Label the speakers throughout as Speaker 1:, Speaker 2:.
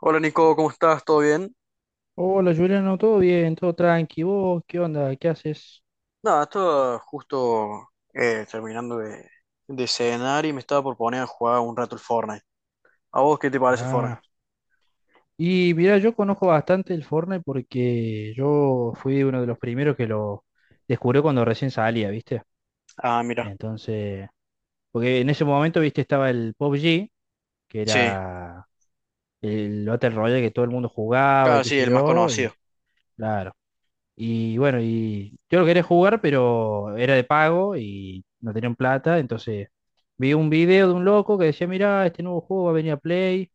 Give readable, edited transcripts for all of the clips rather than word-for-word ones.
Speaker 1: Hola Nico, ¿cómo estás? ¿Todo bien?
Speaker 2: Hola Juliano, ¿no? Todo bien, todo tranqui. ¿Vos qué onda? ¿Qué haces?
Speaker 1: Nada, estaba justo terminando de cenar y me estaba por poner a jugar un rato el Fortnite. ¿A vos qué te parece el Fortnite?
Speaker 2: Ah, y mira, yo conozco bastante el Fortnite porque yo fui uno de los primeros que lo descubrió cuando recién salía, ¿viste?
Speaker 1: Ah, mira.
Speaker 2: Entonces, porque en ese momento, ¿viste? Estaba el PUBG que
Speaker 1: Sí,
Speaker 2: era el Battle Royale que todo el mundo jugaba y
Speaker 1: claro,
Speaker 2: qué
Speaker 1: sí,
Speaker 2: sé
Speaker 1: el más
Speaker 2: yo,
Speaker 1: conocido.
Speaker 2: y claro. Y bueno, y yo lo quería jugar, pero era de pago y no tenían plata, entonces vi un video de un loco que decía, mira, este nuevo juego va a venir a Play,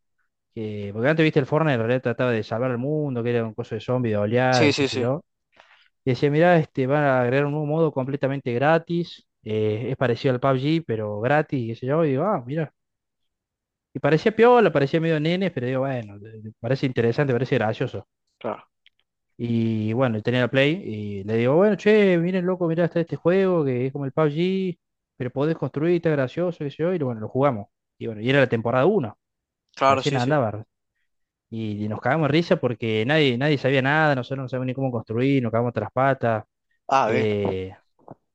Speaker 2: que, porque antes viste el Fortnite, en realidad trataba de salvar al mundo, que era un coso de zombies, de oleadas
Speaker 1: Sí,
Speaker 2: y qué
Speaker 1: sí,
Speaker 2: sé
Speaker 1: sí,
Speaker 2: yo. Y decía, mira, este, van a agregar un nuevo modo completamente gratis, es parecido al PUBG, pero gratis, y qué sé yo, y digo, ah, mira. Y parecía piola, parecía medio nene, pero digo, bueno, parece interesante, parece gracioso.
Speaker 1: claro.
Speaker 2: Y bueno, tenía la Play y le digo, bueno, che, miren loco, mirá, está este juego que es como el PUBG, pero podés construir, está gracioso, qué sé yo, y bueno, lo jugamos. Y bueno, y era la temporada uno,
Speaker 1: Claro,
Speaker 2: recién
Speaker 1: sí, sí.
Speaker 2: andaba. Y nos cagamos de risa porque nadie, nadie sabía nada, nosotros no sabíamos ni cómo construir, nos cagamos tras las patas.
Speaker 1: Ah, bien.
Speaker 2: eh,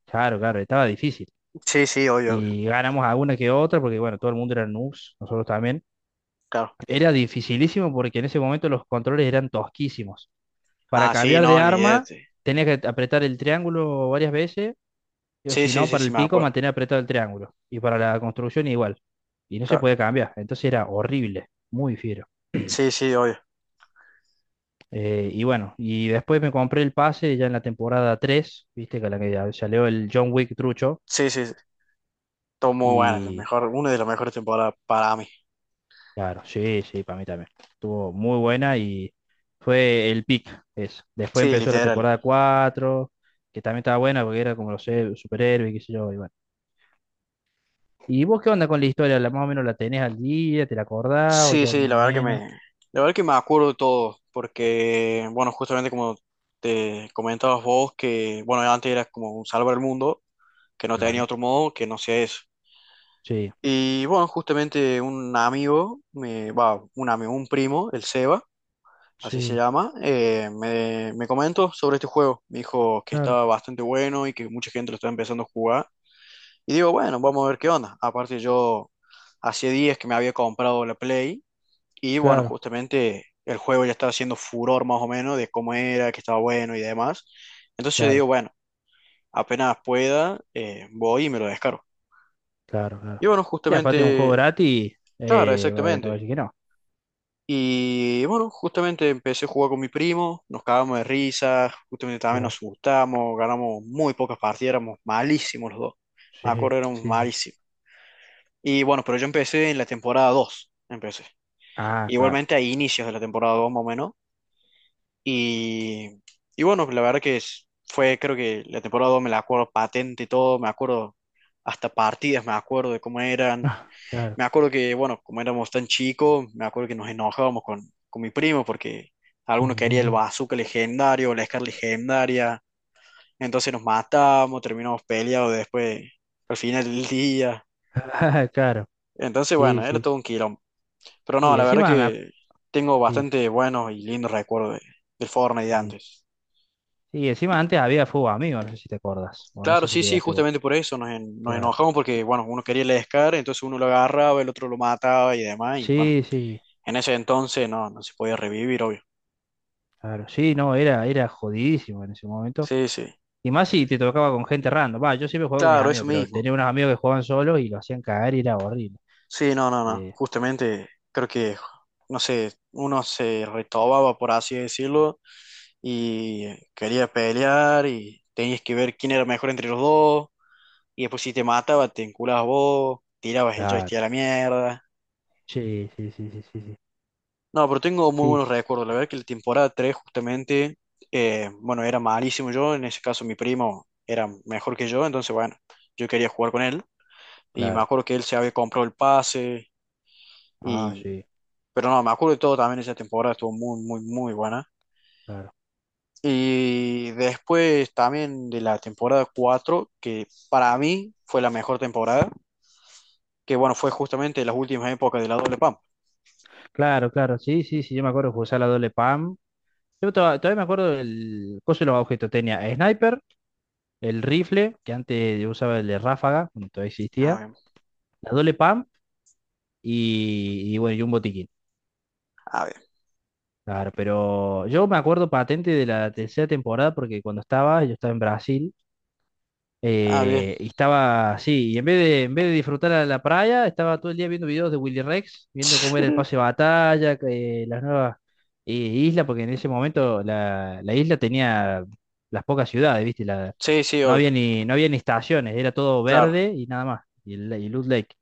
Speaker 2: claro, claro, estaba difícil.
Speaker 1: Sí, sí, obvio, obvio.
Speaker 2: Y ganamos alguna que otra porque, bueno, todo el mundo era noobs, nosotros también.
Speaker 1: Claro.
Speaker 2: Era dificilísimo porque en ese momento los controles eran tosquísimos. Para
Speaker 1: Ah, sí,
Speaker 2: cambiar
Speaker 1: no,
Speaker 2: de arma,
Speaker 1: olvídate.
Speaker 2: tenía que apretar el triángulo varias veces, o
Speaker 1: Sí,
Speaker 2: si
Speaker 1: sí,
Speaker 2: no,
Speaker 1: sí,
Speaker 2: para
Speaker 1: sí,
Speaker 2: el
Speaker 1: me
Speaker 2: pico,
Speaker 1: acuerdo.
Speaker 2: mantener apretado el triángulo. Y para la construcción, igual. Y no se
Speaker 1: Claro.
Speaker 2: podía cambiar. Entonces era horrible, muy fiero.
Speaker 1: Sí, sí, obvio.
Speaker 2: Y bueno, y después me compré el pase ya en la temporada 3, viste, que la que ya salió el John Wick trucho.
Speaker 1: Sí, sí, sí. Todo muy bueno, el
Speaker 2: Y
Speaker 1: mejor, una de las mejores temporadas para mí.
Speaker 2: claro, sí, sí, para mí también. Estuvo muy buena y fue el pick, eso. Después
Speaker 1: Sí,
Speaker 2: empezó la
Speaker 1: literal.
Speaker 2: temporada 4 que también estaba buena porque era como los superhéroes, qué sé yo, y bueno. ¿Y vos qué onda con la historia? ¿La, más o menos la tenés al día? ¿Te la acordás o
Speaker 1: Sí,
Speaker 2: ya
Speaker 1: sí,
Speaker 2: más
Speaker 1: la
Speaker 2: o
Speaker 1: verdad que
Speaker 2: menos?
Speaker 1: me, la verdad que me acuerdo de todo, porque, bueno, justamente como te comentabas vos, que, bueno, antes era como un salvar el mundo, que no tenía
Speaker 2: Claro.
Speaker 1: otro modo que no sea eso.
Speaker 2: Sí,
Speaker 1: Y, bueno, justamente un amigo, me, va, un amigo, un primo, el Seba, así se
Speaker 2: sí,
Speaker 1: llama, me comentó sobre este juego. Me dijo que
Speaker 2: claro,
Speaker 1: estaba bastante bueno y que mucha gente lo estaba empezando a jugar. Y digo, bueno, vamos a ver qué onda. Aparte yo, hacía días que me había comprado la Play y bueno,
Speaker 2: claro,
Speaker 1: justamente el juego ya estaba haciendo furor más o menos de cómo era, que estaba bueno y demás. Entonces yo digo,
Speaker 2: claro,
Speaker 1: bueno, apenas pueda, voy y me lo descargo.
Speaker 2: claro,
Speaker 1: Y
Speaker 2: claro.
Speaker 1: bueno,
Speaker 2: Sí, aparte de un juego
Speaker 1: justamente,
Speaker 2: gratis,
Speaker 1: claro,
Speaker 2: no va a
Speaker 1: exactamente.
Speaker 2: decir que no.
Speaker 1: Y bueno, justamente empecé a jugar con mi primo, nos cagamos de risa, justamente también nos
Speaker 2: Claro,
Speaker 1: asustamos, ganamos muy pocas partidas, éramos malísimos los dos.
Speaker 2: sí,
Speaker 1: Me acuerdo, éramos
Speaker 2: sí, sí.
Speaker 1: malísimos. Y bueno, pero yo empecé en la temporada 2 empecé.
Speaker 2: Ah, claro.
Speaker 1: Igualmente a inicios de la temporada 2 más o menos. Y, y bueno, la verdad que fue, creo que la temporada 2 me la acuerdo patente y todo, me acuerdo hasta partidas, me acuerdo de cómo eran.
Speaker 2: Ah, claro.
Speaker 1: Me acuerdo que, bueno, como éramos tan chicos, me acuerdo que nos enojábamos con mi primo porque algunos quería el
Speaker 2: Ujú.
Speaker 1: bazooka legendario, la Scar legendaria. Entonces nos matábamos, terminamos peleados después, al final del día.
Speaker 2: Ah, claro,
Speaker 1: Entonces,
Speaker 2: sí,
Speaker 1: bueno, era
Speaker 2: sí.
Speaker 1: todo un quilombo. Pero no,
Speaker 2: Uy,
Speaker 1: la verdad
Speaker 2: encima me.
Speaker 1: que tengo
Speaker 2: Sí,
Speaker 1: bastante buenos y lindos recuerdos del Fortnite de
Speaker 2: sí.
Speaker 1: antes.
Speaker 2: Sí, encima antes había fútbol amigo, no sé si te acordás, o no
Speaker 1: Claro,
Speaker 2: sé si
Speaker 1: sí, sí,
Speaker 2: llegaste vos.
Speaker 1: justamente por eso nos
Speaker 2: Claro.
Speaker 1: enojamos porque, bueno, uno quería el Scar, entonces uno lo agarraba, el otro lo mataba y demás, y bueno,
Speaker 2: Sí, sí,
Speaker 1: en ese entonces no se podía revivir, obvio.
Speaker 2: claro. Sí, no, era jodidísimo en ese momento.
Speaker 1: Sí, sí,
Speaker 2: Y más si te tocaba con gente random. Va, yo siempre juego con mis
Speaker 1: claro, eso
Speaker 2: amigos, pero
Speaker 1: mismo.
Speaker 2: tenía unos amigos que jugaban solos y lo hacían cagar y era horrible.
Speaker 1: Sí, no, no, no,
Speaker 2: Eh,
Speaker 1: justamente creo que, no sé, uno se retobaba, por así decirlo, y quería pelear y tenías que ver quién era mejor entre los dos, y después si te mataba, te enculabas vos, tirabas el
Speaker 2: claro.
Speaker 1: joystick a la mierda.
Speaker 2: Sí, sí, sí, sí, sí, sí.
Speaker 1: No, pero tengo muy
Speaker 2: Sí,
Speaker 1: buenos
Speaker 2: sí,
Speaker 1: recuerdos. La verdad que la temporada 3 justamente, bueno, era malísimo yo, en ese caso mi primo era mejor que yo, entonces bueno, yo quería jugar con él y me
Speaker 2: claro.
Speaker 1: acuerdo que él se había comprado el pase
Speaker 2: Ah,
Speaker 1: y...
Speaker 2: sí,
Speaker 1: Pero no, me acuerdo de todo también, esa temporada estuvo muy, muy, muy buena.
Speaker 2: claro.
Speaker 1: Y después también de la temporada 4 que para mí fue la mejor temporada, que bueno, fue justamente las últimas épocas de la doble pam.
Speaker 2: Claro, claro. Sí, sí, sí. Yo me acuerdo que usaba la doble PAM. Yo todavía me acuerdo del coso de los objetos. Tenía el sniper, el rifle, que antes yo usaba el de ráfaga, cuando todavía
Speaker 1: Ah,
Speaker 2: existía,
Speaker 1: bien,
Speaker 2: la doble PAM y bueno, y un botiquín.
Speaker 1: ah, bien,
Speaker 2: Claro, pero yo me acuerdo patente de la tercera temporada porque cuando yo estaba en Brasil
Speaker 1: ah, bien.
Speaker 2: Eh, Y estaba así, y en vez de disfrutar a la playa, estaba todo el día viendo videos de Willy Rex, viendo cómo era el pase de batalla, que, las nuevas islas, porque en ese momento la isla tenía las pocas ciudades, ¿viste? La,
Speaker 1: Sí, sí,
Speaker 2: no
Speaker 1: obvio,
Speaker 2: había ni, no había ni estaciones, era todo
Speaker 1: claro,
Speaker 2: verde y nada más, y, el, y Loot Lake.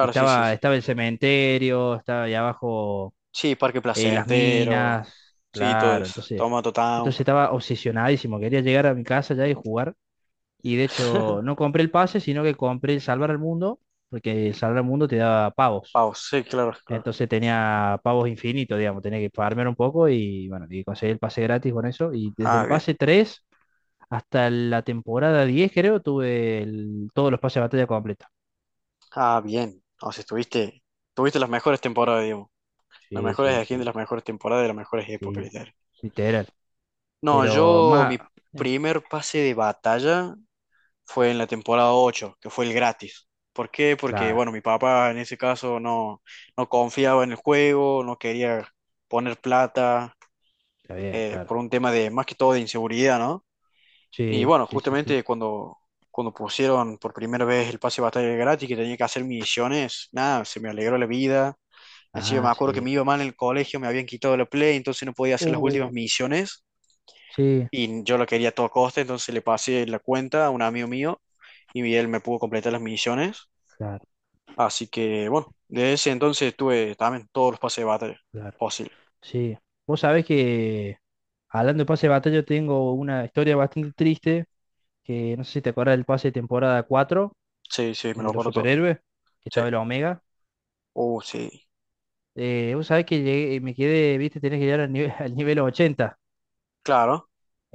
Speaker 2: Y
Speaker 1: sí, sí,
Speaker 2: estaba,
Speaker 1: sí.
Speaker 2: estaba el cementerio, estaba ahí abajo
Speaker 1: Sí, Parque
Speaker 2: las
Speaker 1: Placentero.
Speaker 2: minas,
Speaker 1: Sí, todo
Speaker 2: claro,
Speaker 1: eso.
Speaker 2: entonces,
Speaker 1: Tomato Town.
Speaker 2: entonces estaba obsesionadísimo, quería llegar a mi casa ya y jugar. Y de hecho, no compré el pase, sino que compré el Salvar al Mundo, porque el Salvar al Mundo te daba pavos.
Speaker 1: Sí, claro, claro.
Speaker 2: Entonces tenía pavos infinitos, digamos, tenía que farmear un poco y bueno, y conseguí el pase gratis con eso. Y desde
Speaker 1: Ah,
Speaker 2: el
Speaker 1: bien.
Speaker 2: pase 3 hasta la temporada 10 creo, tuve todos los pases de batalla completos.
Speaker 1: Ah, bien. O sea, tuviste las mejores temporadas, digamos. Las
Speaker 2: Sí, sí,
Speaker 1: mejores skins de
Speaker 2: sí,
Speaker 1: las mejores temporadas de las mejores épocas,
Speaker 2: sí,
Speaker 1: literal.
Speaker 2: literal.
Speaker 1: No,
Speaker 2: Pero más...
Speaker 1: mi
Speaker 2: eh,
Speaker 1: primer pase de batalla fue en la temporada 8 que fue el gratis. ¿Por qué? Porque,
Speaker 2: claro,
Speaker 1: bueno, mi papá en ese caso no confiaba en el juego, no quería poner plata,
Speaker 2: está bien, claro.
Speaker 1: por un tema de, más que todo, de inseguridad, ¿no? Y
Speaker 2: Sí,
Speaker 1: bueno,
Speaker 2: sí, sí, sí.
Speaker 1: justamente cuando pusieron por primera vez el pase de batalla gratis, que tenía que hacer misiones, nada, se me alegró la vida. Encima me
Speaker 2: Ah,
Speaker 1: acuerdo que
Speaker 2: sí.
Speaker 1: me iba mal en el colegio, me habían quitado la Play, entonces no podía hacer las últimas
Speaker 2: Uh.
Speaker 1: misiones.
Speaker 2: Sí,
Speaker 1: Y yo lo quería a todo coste, entonces le pasé la cuenta a un amigo mío y él me pudo completar las misiones.
Speaker 2: claro,
Speaker 1: Así que bueno, desde ese entonces tuve también todos los pases de batalla
Speaker 2: claro.
Speaker 1: posible.
Speaker 2: Sí. Vos sabés que hablando de pase de batalla, tengo una historia bastante triste, que no sé si te acuerdas del pase de temporada 4,
Speaker 1: Sí, sí, me
Speaker 2: el
Speaker 1: lo
Speaker 2: de los
Speaker 1: acuerdo todo.
Speaker 2: superhéroes, que
Speaker 1: Sí.
Speaker 2: estaba el Omega.
Speaker 1: Oh, sí.
Speaker 2: Vos sabés que llegué, me quedé, viste, tenés que llegar al nivel, al nivel 80.
Speaker 1: Claro.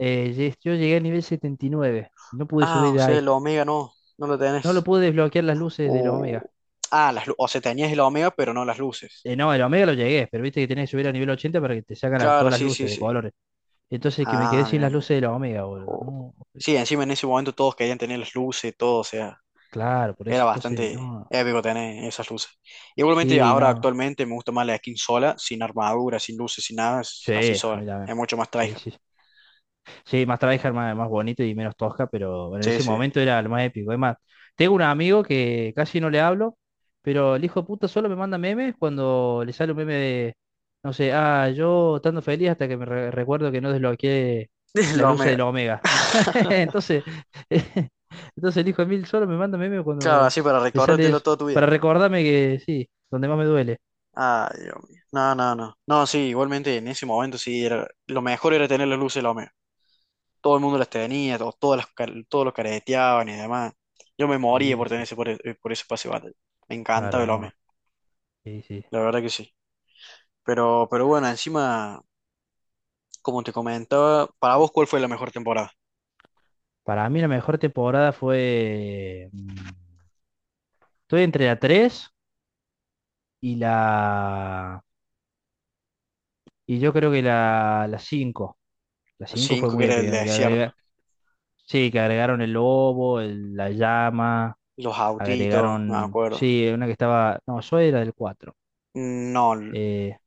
Speaker 2: Yo llegué al nivel 79, no pude
Speaker 1: Ah,
Speaker 2: subir
Speaker 1: o
Speaker 2: de
Speaker 1: sea, el
Speaker 2: ahí.
Speaker 1: Omega no lo
Speaker 2: No lo
Speaker 1: tenés.
Speaker 2: pude desbloquear las luces del Omega.
Speaker 1: O... Ah, o se teñía es la Omega, pero no las luces.
Speaker 2: No, el Omega lo llegué, pero viste que tenés que subir al nivel 80 para que te sacan
Speaker 1: Claro,
Speaker 2: todas las
Speaker 1: sí, sí,
Speaker 2: luces de
Speaker 1: sí.
Speaker 2: colores. Entonces que me quedé
Speaker 1: Ah,
Speaker 2: sin las
Speaker 1: bien, bien.
Speaker 2: luces de la Omega, boludo.
Speaker 1: O-
Speaker 2: No,
Speaker 1: Sí, encima en ese momento todos querían tener las luces, y todo, o sea,
Speaker 2: claro, por
Speaker 1: era
Speaker 2: eso. Entonces,
Speaker 1: bastante
Speaker 2: no.
Speaker 1: épico tener esas luces. Igualmente
Speaker 2: Sí,
Speaker 1: ahora
Speaker 2: no.
Speaker 1: actualmente me gusta más la skin sola, sin armadura, sin luces, sin nada, es
Speaker 2: Sí,
Speaker 1: así
Speaker 2: a mí
Speaker 1: sola.
Speaker 2: también.
Speaker 1: Es mucho más
Speaker 2: Sí,
Speaker 1: tryhard.
Speaker 2: sí. Sí, más tryhard, más bonito y menos tosca, pero bueno, en
Speaker 1: Sí,
Speaker 2: ese
Speaker 1: sí.
Speaker 2: momento era lo más épico. Es más, tengo un amigo que casi no le hablo, pero el hijo de puta solo me manda memes cuando le sale un meme de, no sé, ah, yo estando feliz hasta que me recuerdo que no desbloqueé las
Speaker 1: La
Speaker 2: luces
Speaker 1: Omega.
Speaker 2: del Omega. Entonces, entonces el hijo de Mil solo me manda memes
Speaker 1: Claro,
Speaker 2: cuando
Speaker 1: así para
Speaker 2: le sale
Speaker 1: recordártelo
Speaker 2: eso,
Speaker 1: toda tu vida.
Speaker 2: para recordarme que sí, donde más me duele.
Speaker 1: Ah, Dios mío. No, no, no. No, sí, igualmente en ese momento sí, lo mejor era tener las luces de la Omega. Todo el mundo las tenía, todos los careteaban y demás. Yo me moría
Speaker 2: Sí,
Speaker 1: por tener
Speaker 2: sí,
Speaker 1: ese, por ese pase de batalla. Me encanta
Speaker 2: claro,
Speaker 1: el
Speaker 2: no.
Speaker 1: OME,
Speaker 2: Sí, sí.
Speaker 1: la verdad que sí. Pero bueno, encima, como te comentaba, para vos, ¿cuál fue la mejor temporada?
Speaker 2: Para mí la mejor temporada fue. Estoy entre la 3 y la. Y yo creo que la cinco. La
Speaker 1: La
Speaker 2: 5 fue
Speaker 1: 5, que
Speaker 2: muy
Speaker 1: era el
Speaker 2: épica.
Speaker 1: desierto.
Speaker 2: Sí, que agregaron el lobo, la llama.
Speaker 1: Los autitos, no me
Speaker 2: Agregaron.
Speaker 1: acuerdo.
Speaker 2: Sí, una que estaba. No, Zoe era del 4
Speaker 1: No,
Speaker 2: Eh,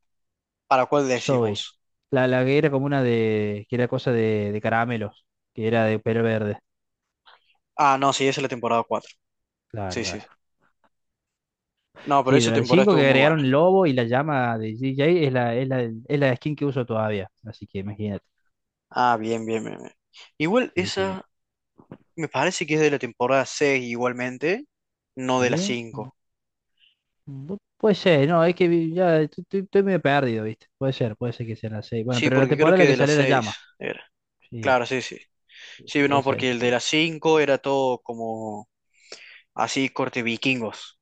Speaker 1: ¿para cuál decís
Speaker 2: Zoe.
Speaker 1: vos?
Speaker 2: La que era como una de. Que era cosa de caramelos. Que era de pelo verde.
Speaker 1: Ah, no, sí, esa es la temporada cuatro.
Speaker 2: Claro,
Speaker 1: Sí, sí.
Speaker 2: claro.
Speaker 1: No, pero
Speaker 2: Sí,
Speaker 1: esa
Speaker 2: la
Speaker 1: temporada
Speaker 2: 5
Speaker 1: estuvo
Speaker 2: que
Speaker 1: muy buena.
Speaker 2: agregaron el lobo y la llama de DJ es la skin que uso todavía. Así que imagínate.
Speaker 1: Ah, bien, bien, bien. Bien. Igual
Speaker 2: Sí, sí,
Speaker 1: esa me parece que es de la temporada 6 igualmente, no de la
Speaker 2: sí.
Speaker 1: cinco.
Speaker 2: Puede ser, no, es que ya estoy medio perdido, ¿viste? Puede ser que sea la seis. Bueno,
Speaker 1: Sí,
Speaker 2: pero la
Speaker 1: porque creo
Speaker 2: temporada en
Speaker 1: que
Speaker 2: la que
Speaker 1: de la
Speaker 2: sale la
Speaker 1: 6
Speaker 2: llama.
Speaker 1: era.
Speaker 2: Sí,
Speaker 1: Claro, sí, sí.
Speaker 2: sí,
Speaker 1: Sí,
Speaker 2: sí,
Speaker 1: no,
Speaker 2: esa,
Speaker 1: porque
Speaker 2: esa
Speaker 1: el de
Speaker 2: tuve.
Speaker 1: la 5 era todo como así corte vikingos.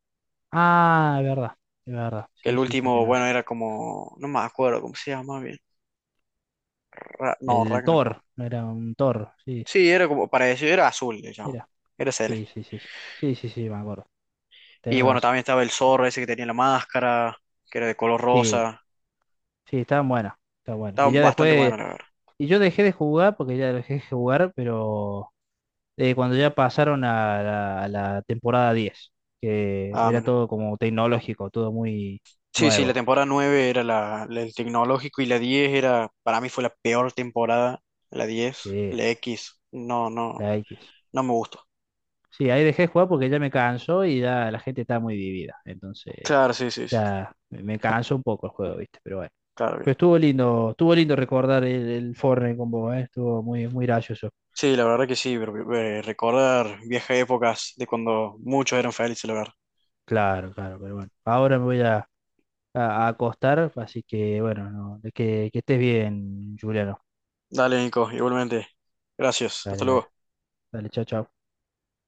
Speaker 2: Ah, es verdad, es verdad.
Speaker 1: Que el
Speaker 2: Sí, sí, sí,
Speaker 1: último,
Speaker 2: tiene
Speaker 1: bueno,
Speaker 2: razón.
Speaker 1: era como, no me acuerdo cómo se llama bien. No,
Speaker 2: El
Speaker 1: Ragnarok.
Speaker 2: Thor, no era un Thor, sí,
Speaker 1: Sí, era como para decir, era azul, le llamaban.
Speaker 2: era.
Speaker 1: Era
Speaker 2: Sí,
Speaker 1: celeste.
Speaker 2: sí, sí. Sí, sí, sí, sí, me acuerdo.
Speaker 1: Y
Speaker 2: Tenés
Speaker 1: bueno,
Speaker 2: razón.
Speaker 1: también estaba el zorro ese que tenía la máscara, que era de color
Speaker 2: Sí,
Speaker 1: rosa.
Speaker 2: sí, estaban buenas, está bueno.
Speaker 1: Estaba
Speaker 2: Y ya
Speaker 1: bastante
Speaker 2: después.
Speaker 1: bueno, la verdad.
Speaker 2: Y yo dejé de jugar porque ya dejé de jugar, pero cuando ya pasaron a la, temporada 10 que
Speaker 1: Ah,
Speaker 2: era todo como tecnológico, todo muy
Speaker 1: sí, sí, la
Speaker 2: nuevo.
Speaker 1: temporada 9 era la del tecnológico y la 10 para mí fue la peor temporada, la diez,
Speaker 2: Sí,
Speaker 1: la X, no, no,
Speaker 2: la X.
Speaker 1: no me gustó.
Speaker 2: Sí, ahí dejé de jugar porque ya me cansó y ya la gente estaba muy vivida. Entonces
Speaker 1: Claro, sí, sí, sí,
Speaker 2: ya me cansó un poco el juego, ¿viste? Pero bueno.
Speaker 1: claro, bien.
Speaker 2: Pero estuvo lindo recordar el Fortnite con vos, ¿eh? Estuvo muy, muy gracioso.
Speaker 1: Sí, la verdad que sí, pero, recordar viejas épocas de cuando muchos eran felices, la verdad.
Speaker 2: Claro, claro, pero bueno. Ahora me voy a acostar, así que bueno, no, que estés bien, Juliano.
Speaker 1: Dale, Nico, igualmente. Gracias, hasta
Speaker 2: Dale, dale.
Speaker 1: luego.
Speaker 2: Dale, chao, chao.